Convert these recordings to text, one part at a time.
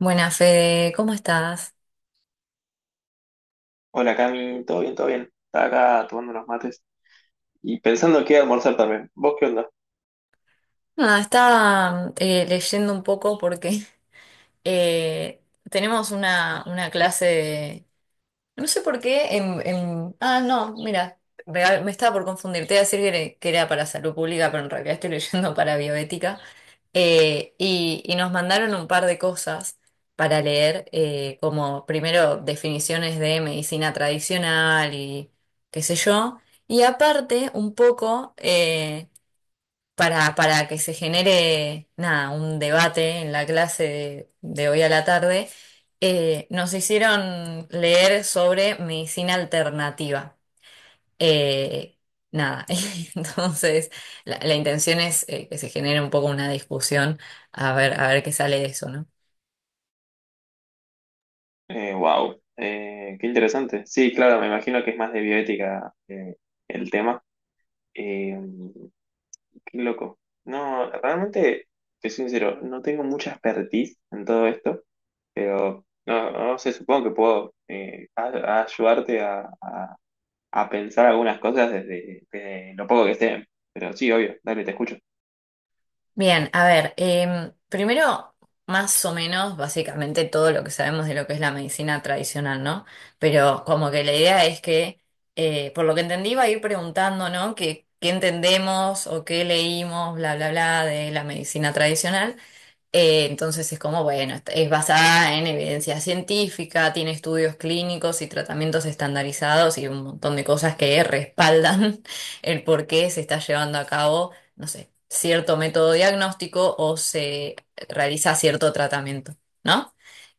Buenas, Fede, ¿cómo estás? Hola Cami, todo bien, todo bien. Estaba acá tomando unos mates y pensando qué almorzar también. ¿Vos qué onda? Nada, estaba leyendo un poco porque eh, tenemos una clase de. No sé por qué Ah, no, mira, me estaba por confundir. Te iba a decir que era para salud pública, pero en realidad estoy leyendo para bioética. Y, nos mandaron un par de cosas para leer, como primero definiciones de medicina tradicional y qué sé yo, y aparte un poco, para que se genere, nada, un debate en la clase de hoy a la tarde, nos hicieron leer sobre medicina alternativa. Eh, Nada, entonces la intención es que se genere un poco una discusión, a ver qué sale de eso, ¿no? Wow, Qué interesante. Sí, claro, me imagino que es más de bioética el tema. Eh, qué loco. No, realmente, te soy sincero, no tengo mucha expertise en todo esto, pero no, no sé, supongo que puedo a- ayudarte a pensar algunas cosas desde lo poco que sé. Pero sí, obvio, dale, te escucho. Bien, a ver, primero, más o menos, básicamente todo lo que sabemos de lo que es la medicina tradicional, ¿no? Pero como que la idea es que, por lo que entendí, va a ir preguntando, ¿no? ¿Qué, entendemos o qué leímos, bla, bla, bla, de la medicina tradicional? Entonces es como, bueno, es basada en evidencia científica, tiene estudios clínicos y tratamientos estandarizados y un montón de cosas que respaldan el por qué se está llevando a cabo, no sé, cierto método diagnóstico o se realiza cierto tratamiento, ¿no?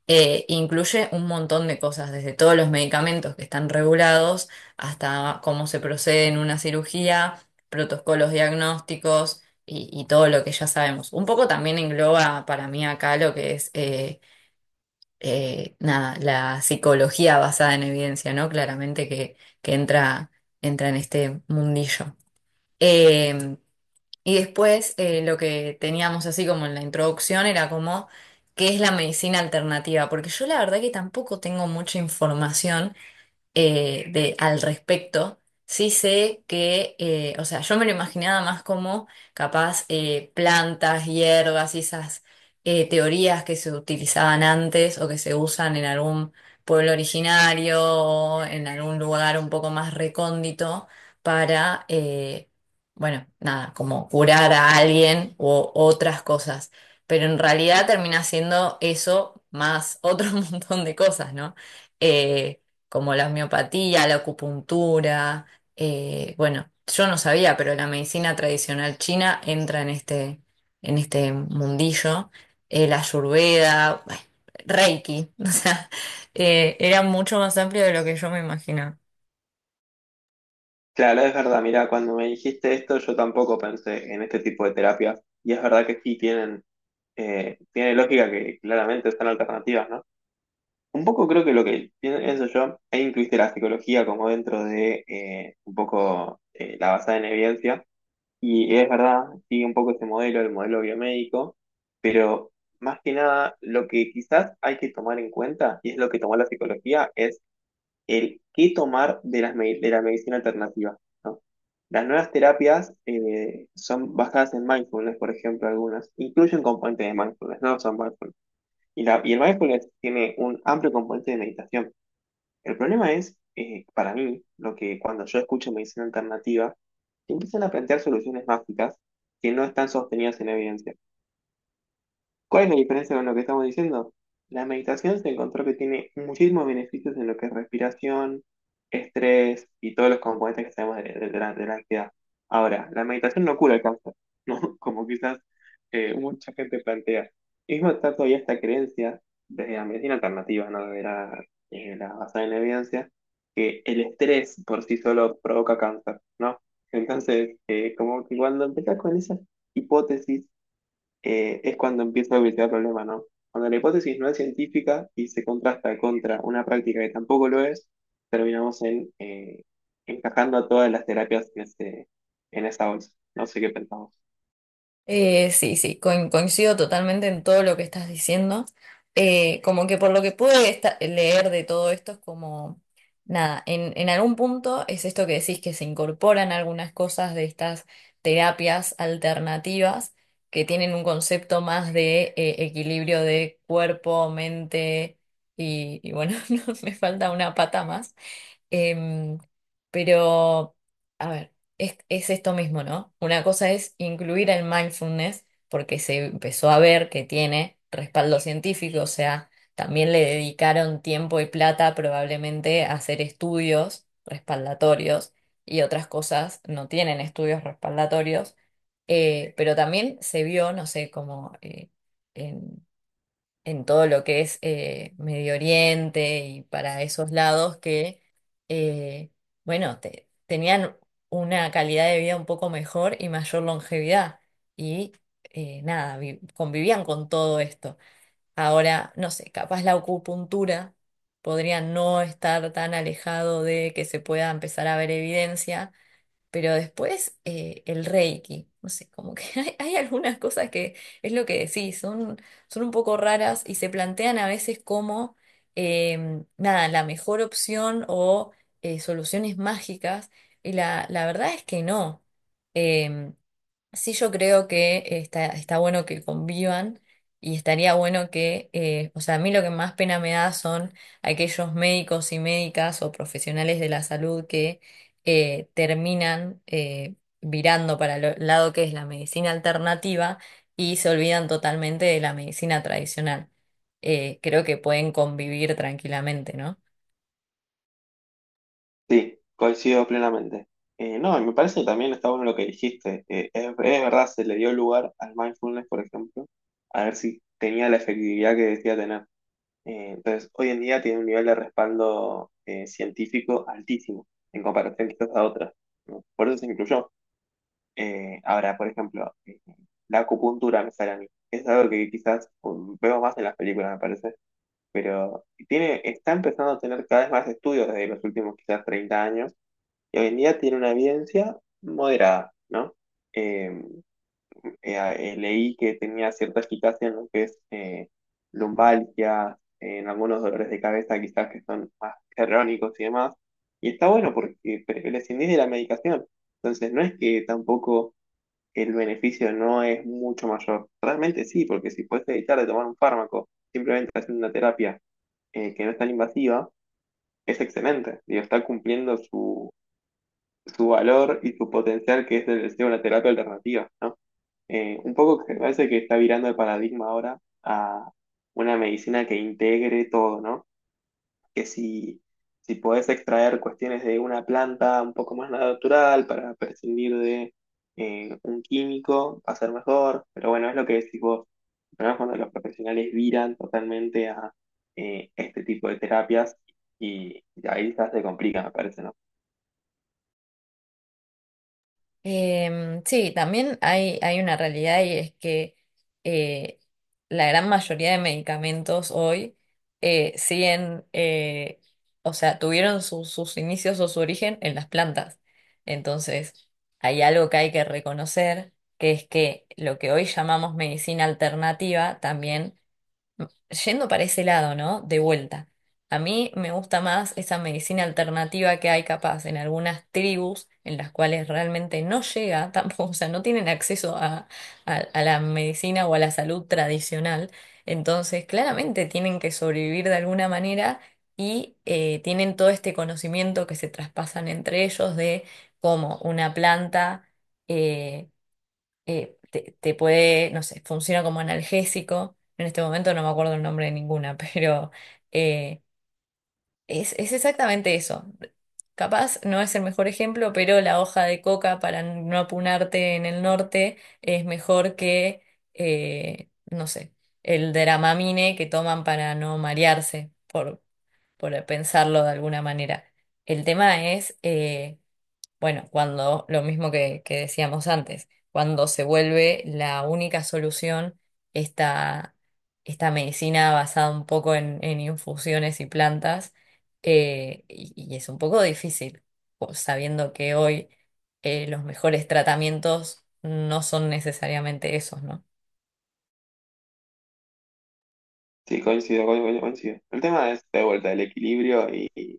Incluye un montón de cosas, desde todos los medicamentos que están regulados hasta cómo se procede en una cirugía, protocolos diagnósticos y todo lo que ya sabemos. Un poco también engloba para mí acá lo que es nada, la psicología basada en evidencia, ¿no? Claramente que entra en este mundillo. Em, y después lo que teníamos así como en la introducción era como qué es la medicina alternativa, porque yo la verdad que tampoco tengo mucha información al respecto. Sí sé que, o sea, yo me lo imaginaba más como capaz plantas, hierbas y esas teorías que se utilizaban antes o que se usan en algún pueblo originario o en algún lugar un poco más recóndito para, bueno, nada, como curar a alguien o otras cosas. Pero en realidad termina siendo eso más otro montón de cosas, ¿no? Eh, Como la homeopatía, la acupuntura. Bueno, yo no sabía, pero la medicina tradicional china entra en este mundillo. La Ayurveda, bueno, Reiki, o sea, era mucho más amplio de lo que yo me imaginaba. Claro, es verdad, mira, cuando me dijiste esto yo tampoco pensé en este tipo de terapias y es verdad que sí tienen, tiene lógica que claramente son alternativas, ¿no? Un poco creo que lo que pienso yo, e incluiste la psicología como dentro de un poco la basada en evidencia y es verdad, sigue un poco ese modelo, el modelo biomédico, pero más que nada lo que quizás hay que tomar en cuenta y es lo que tomó la psicología es el qué tomar de la medicina alternativa, ¿no? Las nuevas terapias son basadas en mindfulness, por ejemplo, algunas. Incluyen componentes de mindfulness, no son mindfulness. Y el mindfulness tiene un amplio componente de meditación. El problema es, para mí, lo que cuando yo escucho medicina alternativa, se empiezan a plantear soluciones mágicas que no están sostenidas en evidencia. ¿Cuál es la diferencia con lo que estamos diciendo? La meditación se encontró que tiene muchísimos beneficios en lo que es respiración, estrés y todos los componentes que sabemos de de la ansiedad. Ahora, la meditación no cura el cáncer, ¿no? Como quizás mucha gente plantea. Mismo está todavía esta creencia desde la medicina alternativa, ¿no? De la, la basada en evidencia, que el estrés por sí solo provoca cáncer, ¿no? Entonces, como que cuando empezás con esa hipótesis, es cuando empieza a evitar el problema, ¿no? Cuando la hipótesis no es científica y se contrasta contra una práctica que tampoco lo es, terminamos en encajando a todas las terapias en esa bolsa. No sé qué pensamos. Sí, sí, coincido totalmente en todo lo que estás diciendo. Como que por lo que pude leer de todo esto es como, nada, en algún punto es esto que decís que se incorporan algunas cosas de estas terapias alternativas que tienen un concepto más de equilibrio de cuerpo, mente y bueno, no, me falta una pata más. Em, pero, a ver, es esto mismo, ¿no? Una cosa es incluir el mindfulness porque se empezó a ver que tiene respaldo científico, o sea, también le dedicaron tiempo y plata probablemente a hacer estudios respaldatorios y otras cosas no tienen estudios respaldatorios, pero también se vio, no sé, como, en en todo lo que es Medio Oriente y para esos lados que, eh, bueno, tenían una calidad de vida un poco mejor y mayor longevidad. Y nada, convivían con todo esto. Ahora, no sé, capaz la acupuntura podría no estar tan alejado de que se pueda empezar a ver evidencia, pero después el Reiki, no sé, como que hay algunas cosas que es lo que decís, son un poco raras y se plantean a veces como, nada, la mejor opción o soluciones mágicas. Y la verdad es que no. Em, Sí, yo creo que está bueno que convivan y estaría bueno que, o sea, a mí lo que más pena me da son aquellos médicos y médicas o profesionales de la salud que terminan virando para el lado que es la medicina alternativa y se olvidan totalmente de la medicina tradicional. Creo que pueden convivir tranquilamente, ¿no? Sí, coincido plenamente. No, y me parece que también está bueno lo que dijiste. Es verdad, se le dio lugar al mindfulness, por ejemplo, a ver si tenía la efectividad que decía tener. Entonces, hoy en día tiene un nivel de respaldo científico altísimo en comparación quizás a otras. ¿No? Por eso se incluyó. Ahora, por ejemplo, la acupuntura me sale a mí. Es algo que quizás veo más en las películas, me parece, pero tiene, está empezando a tener cada vez más estudios desde los últimos quizás 30 años y hoy en día tiene una evidencia moderada, ¿no? Eh, eh, Leí que tenía cierta eficacia en lo que es lumbalgia, en algunos dolores de cabeza quizás que son más crónicos y demás. Y está bueno porque prescindís de la medicación. Entonces no es que tampoco el beneficio no es mucho mayor. Realmente sí, porque si puedes evitar de tomar un fármaco simplemente haciendo una terapia que no es tan invasiva, es excelente. Digo, está cumpliendo su valor y su potencial que es el de ser una terapia alternativa, ¿no? Un poco que me parece que está virando el paradigma ahora a una medicina que integre todo, ¿no? Que si, Si podés extraer cuestiones de una planta un poco más natural para prescindir de un químico, va a ser mejor. Pero bueno, es lo que decís vos. El problema es cuando los profesionales viran totalmente a este tipo de terapias y ahí ya se complica, me parece, ¿no? Sí, también hay, una realidad y es que eh, la gran mayoría de medicamentos hoy siguen, o sea, tuvieron sus inicios o su origen en las plantas. Entonces, hay algo que hay que reconocer, que es que lo que hoy llamamos medicina alternativa también, yendo para ese lado, ¿no? De vuelta. A mí me gusta más esa medicina alternativa que hay capaz en algunas tribus en las cuales realmente no llega tampoco, o sea, no tienen acceso a la medicina o a la salud tradicional. Entonces, claramente tienen que sobrevivir de alguna manera y tienen todo este conocimiento que se traspasan entre ellos de cómo una planta eh, te puede, no sé, funciona como analgésico. En este momento no me acuerdo el nombre de ninguna, pero eh, es exactamente eso. Capaz no es el mejor ejemplo, pero la hoja de coca para no apunarte en el norte es mejor que, no sé, el Dramamine que toman para no marearse, por pensarlo de alguna manera. El tema es bueno, cuando lo mismo que decíamos antes, cuando se vuelve la única solución esta, esta medicina basada un poco en, infusiones y plantas, y es un poco difícil, sabiendo que hoy los mejores tratamientos no son necesariamente esos, ¿no? Sí, coincido, coincido, coincido. El tema es de vuelta el equilibrio y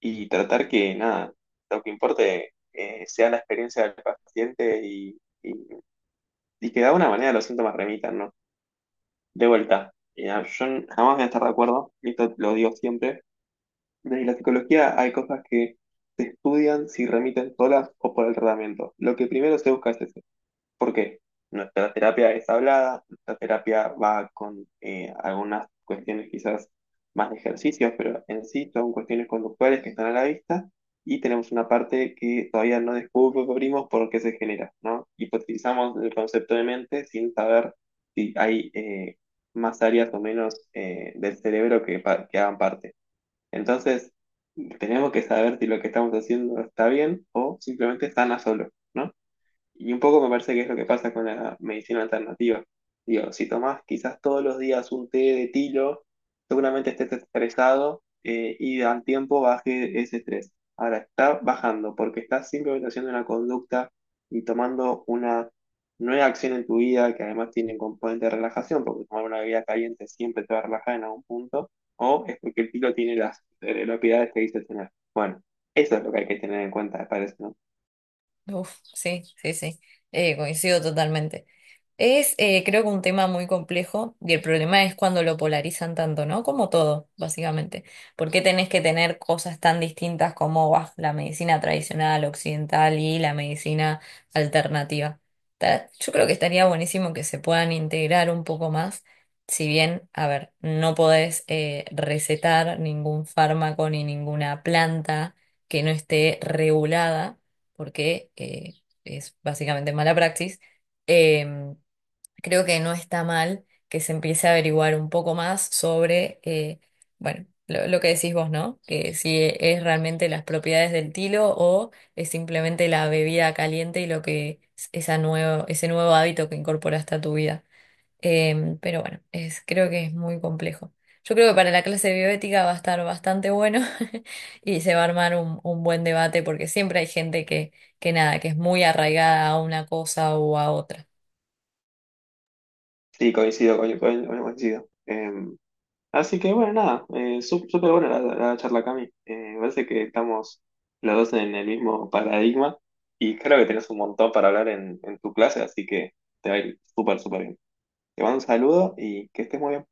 tratar que nada, lo que importe sea la experiencia del paciente y que de alguna manera los síntomas remitan, ¿no? De vuelta, yo jamás voy a estar de acuerdo, y esto lo digo siempre, de la psicología hay cosas que se estudian si remiten solas o por el tratamiento. Lo que primero se busca es eso. ¿Por qué? Nuestra terapia es hablada, nuestra terapia va con algunas cuestiones quizás más de ejercicios, pero en sí son cuestiones conductuales que están a la vista y tenemos una parte que todavía no descubrimos por qué se genera, ¿no? Hipotetizamos el concepto de mente sin saber si hay más áreas o menos del cerebro que hagan parte. Entonces, tenemos que saber si lo que estamos haciendo está bien o simplemente están a solo, ¿no? Y un poco me parece que es lo que pasa con la medicina alternativa. Digo, si tomás quizás todos los días un té de tilo, seguramente estés estresado y al tiempo baje ese estrés. Ahora está bajando porque estás simplemente haciendo una conducta y tomando una nueva acción en tu vida que además tiene un componente de relajación, porque tomar una bebida caliente siempre te va a relajar en algún punto, o es porque el tilo tiene las propiedades que dice tener. Bueno, eso es lo que hay que tener en cuenta, me parece, ¿no? Uf, sí, sí, sí. Coincido totalmente. Creo que un tema muy complejo y el problema es cuando lo polarizan tanto, ¿no? Como todo, básicamente. ¿Por qué tenés que tener cosas tan distintas como bah, la medicina tradicional occidental y la medicina alternativa? Yo creo que estaría buenísimo que se puedan integrar un poco más, si bien, a ver, no podés recetar ningún fármaco ni ninguna planta que no esté regulada porque es básicamente mala praxis, eh, creo que no está mal que se empiece a averiguar un poco más sobre, bueno, lo que decís vos, ¿no? Que si es realmente las propiedades del tilo o es simplemente la bebida caliente y lo que es ese nuevo hábito que incorporaste a tu vida. Pero bueno, creo que es muy complejo. Yo creo que para la clase de bioética va a estar bastante bueno y se va a armar un buen debate porque siempre hay gente que nada, que es muy arraigada a una cosa o a otra. Sí, coincido, bueno, coincido. Así que bueno, nada, súper buena la charla, Cami. Me parece que estamos los dos en el mismo paradigma y creo que tenés un montón para hablar en tu clase, así que te va a ir súper, súper bien. Te mando un saludo y que estés muy bien.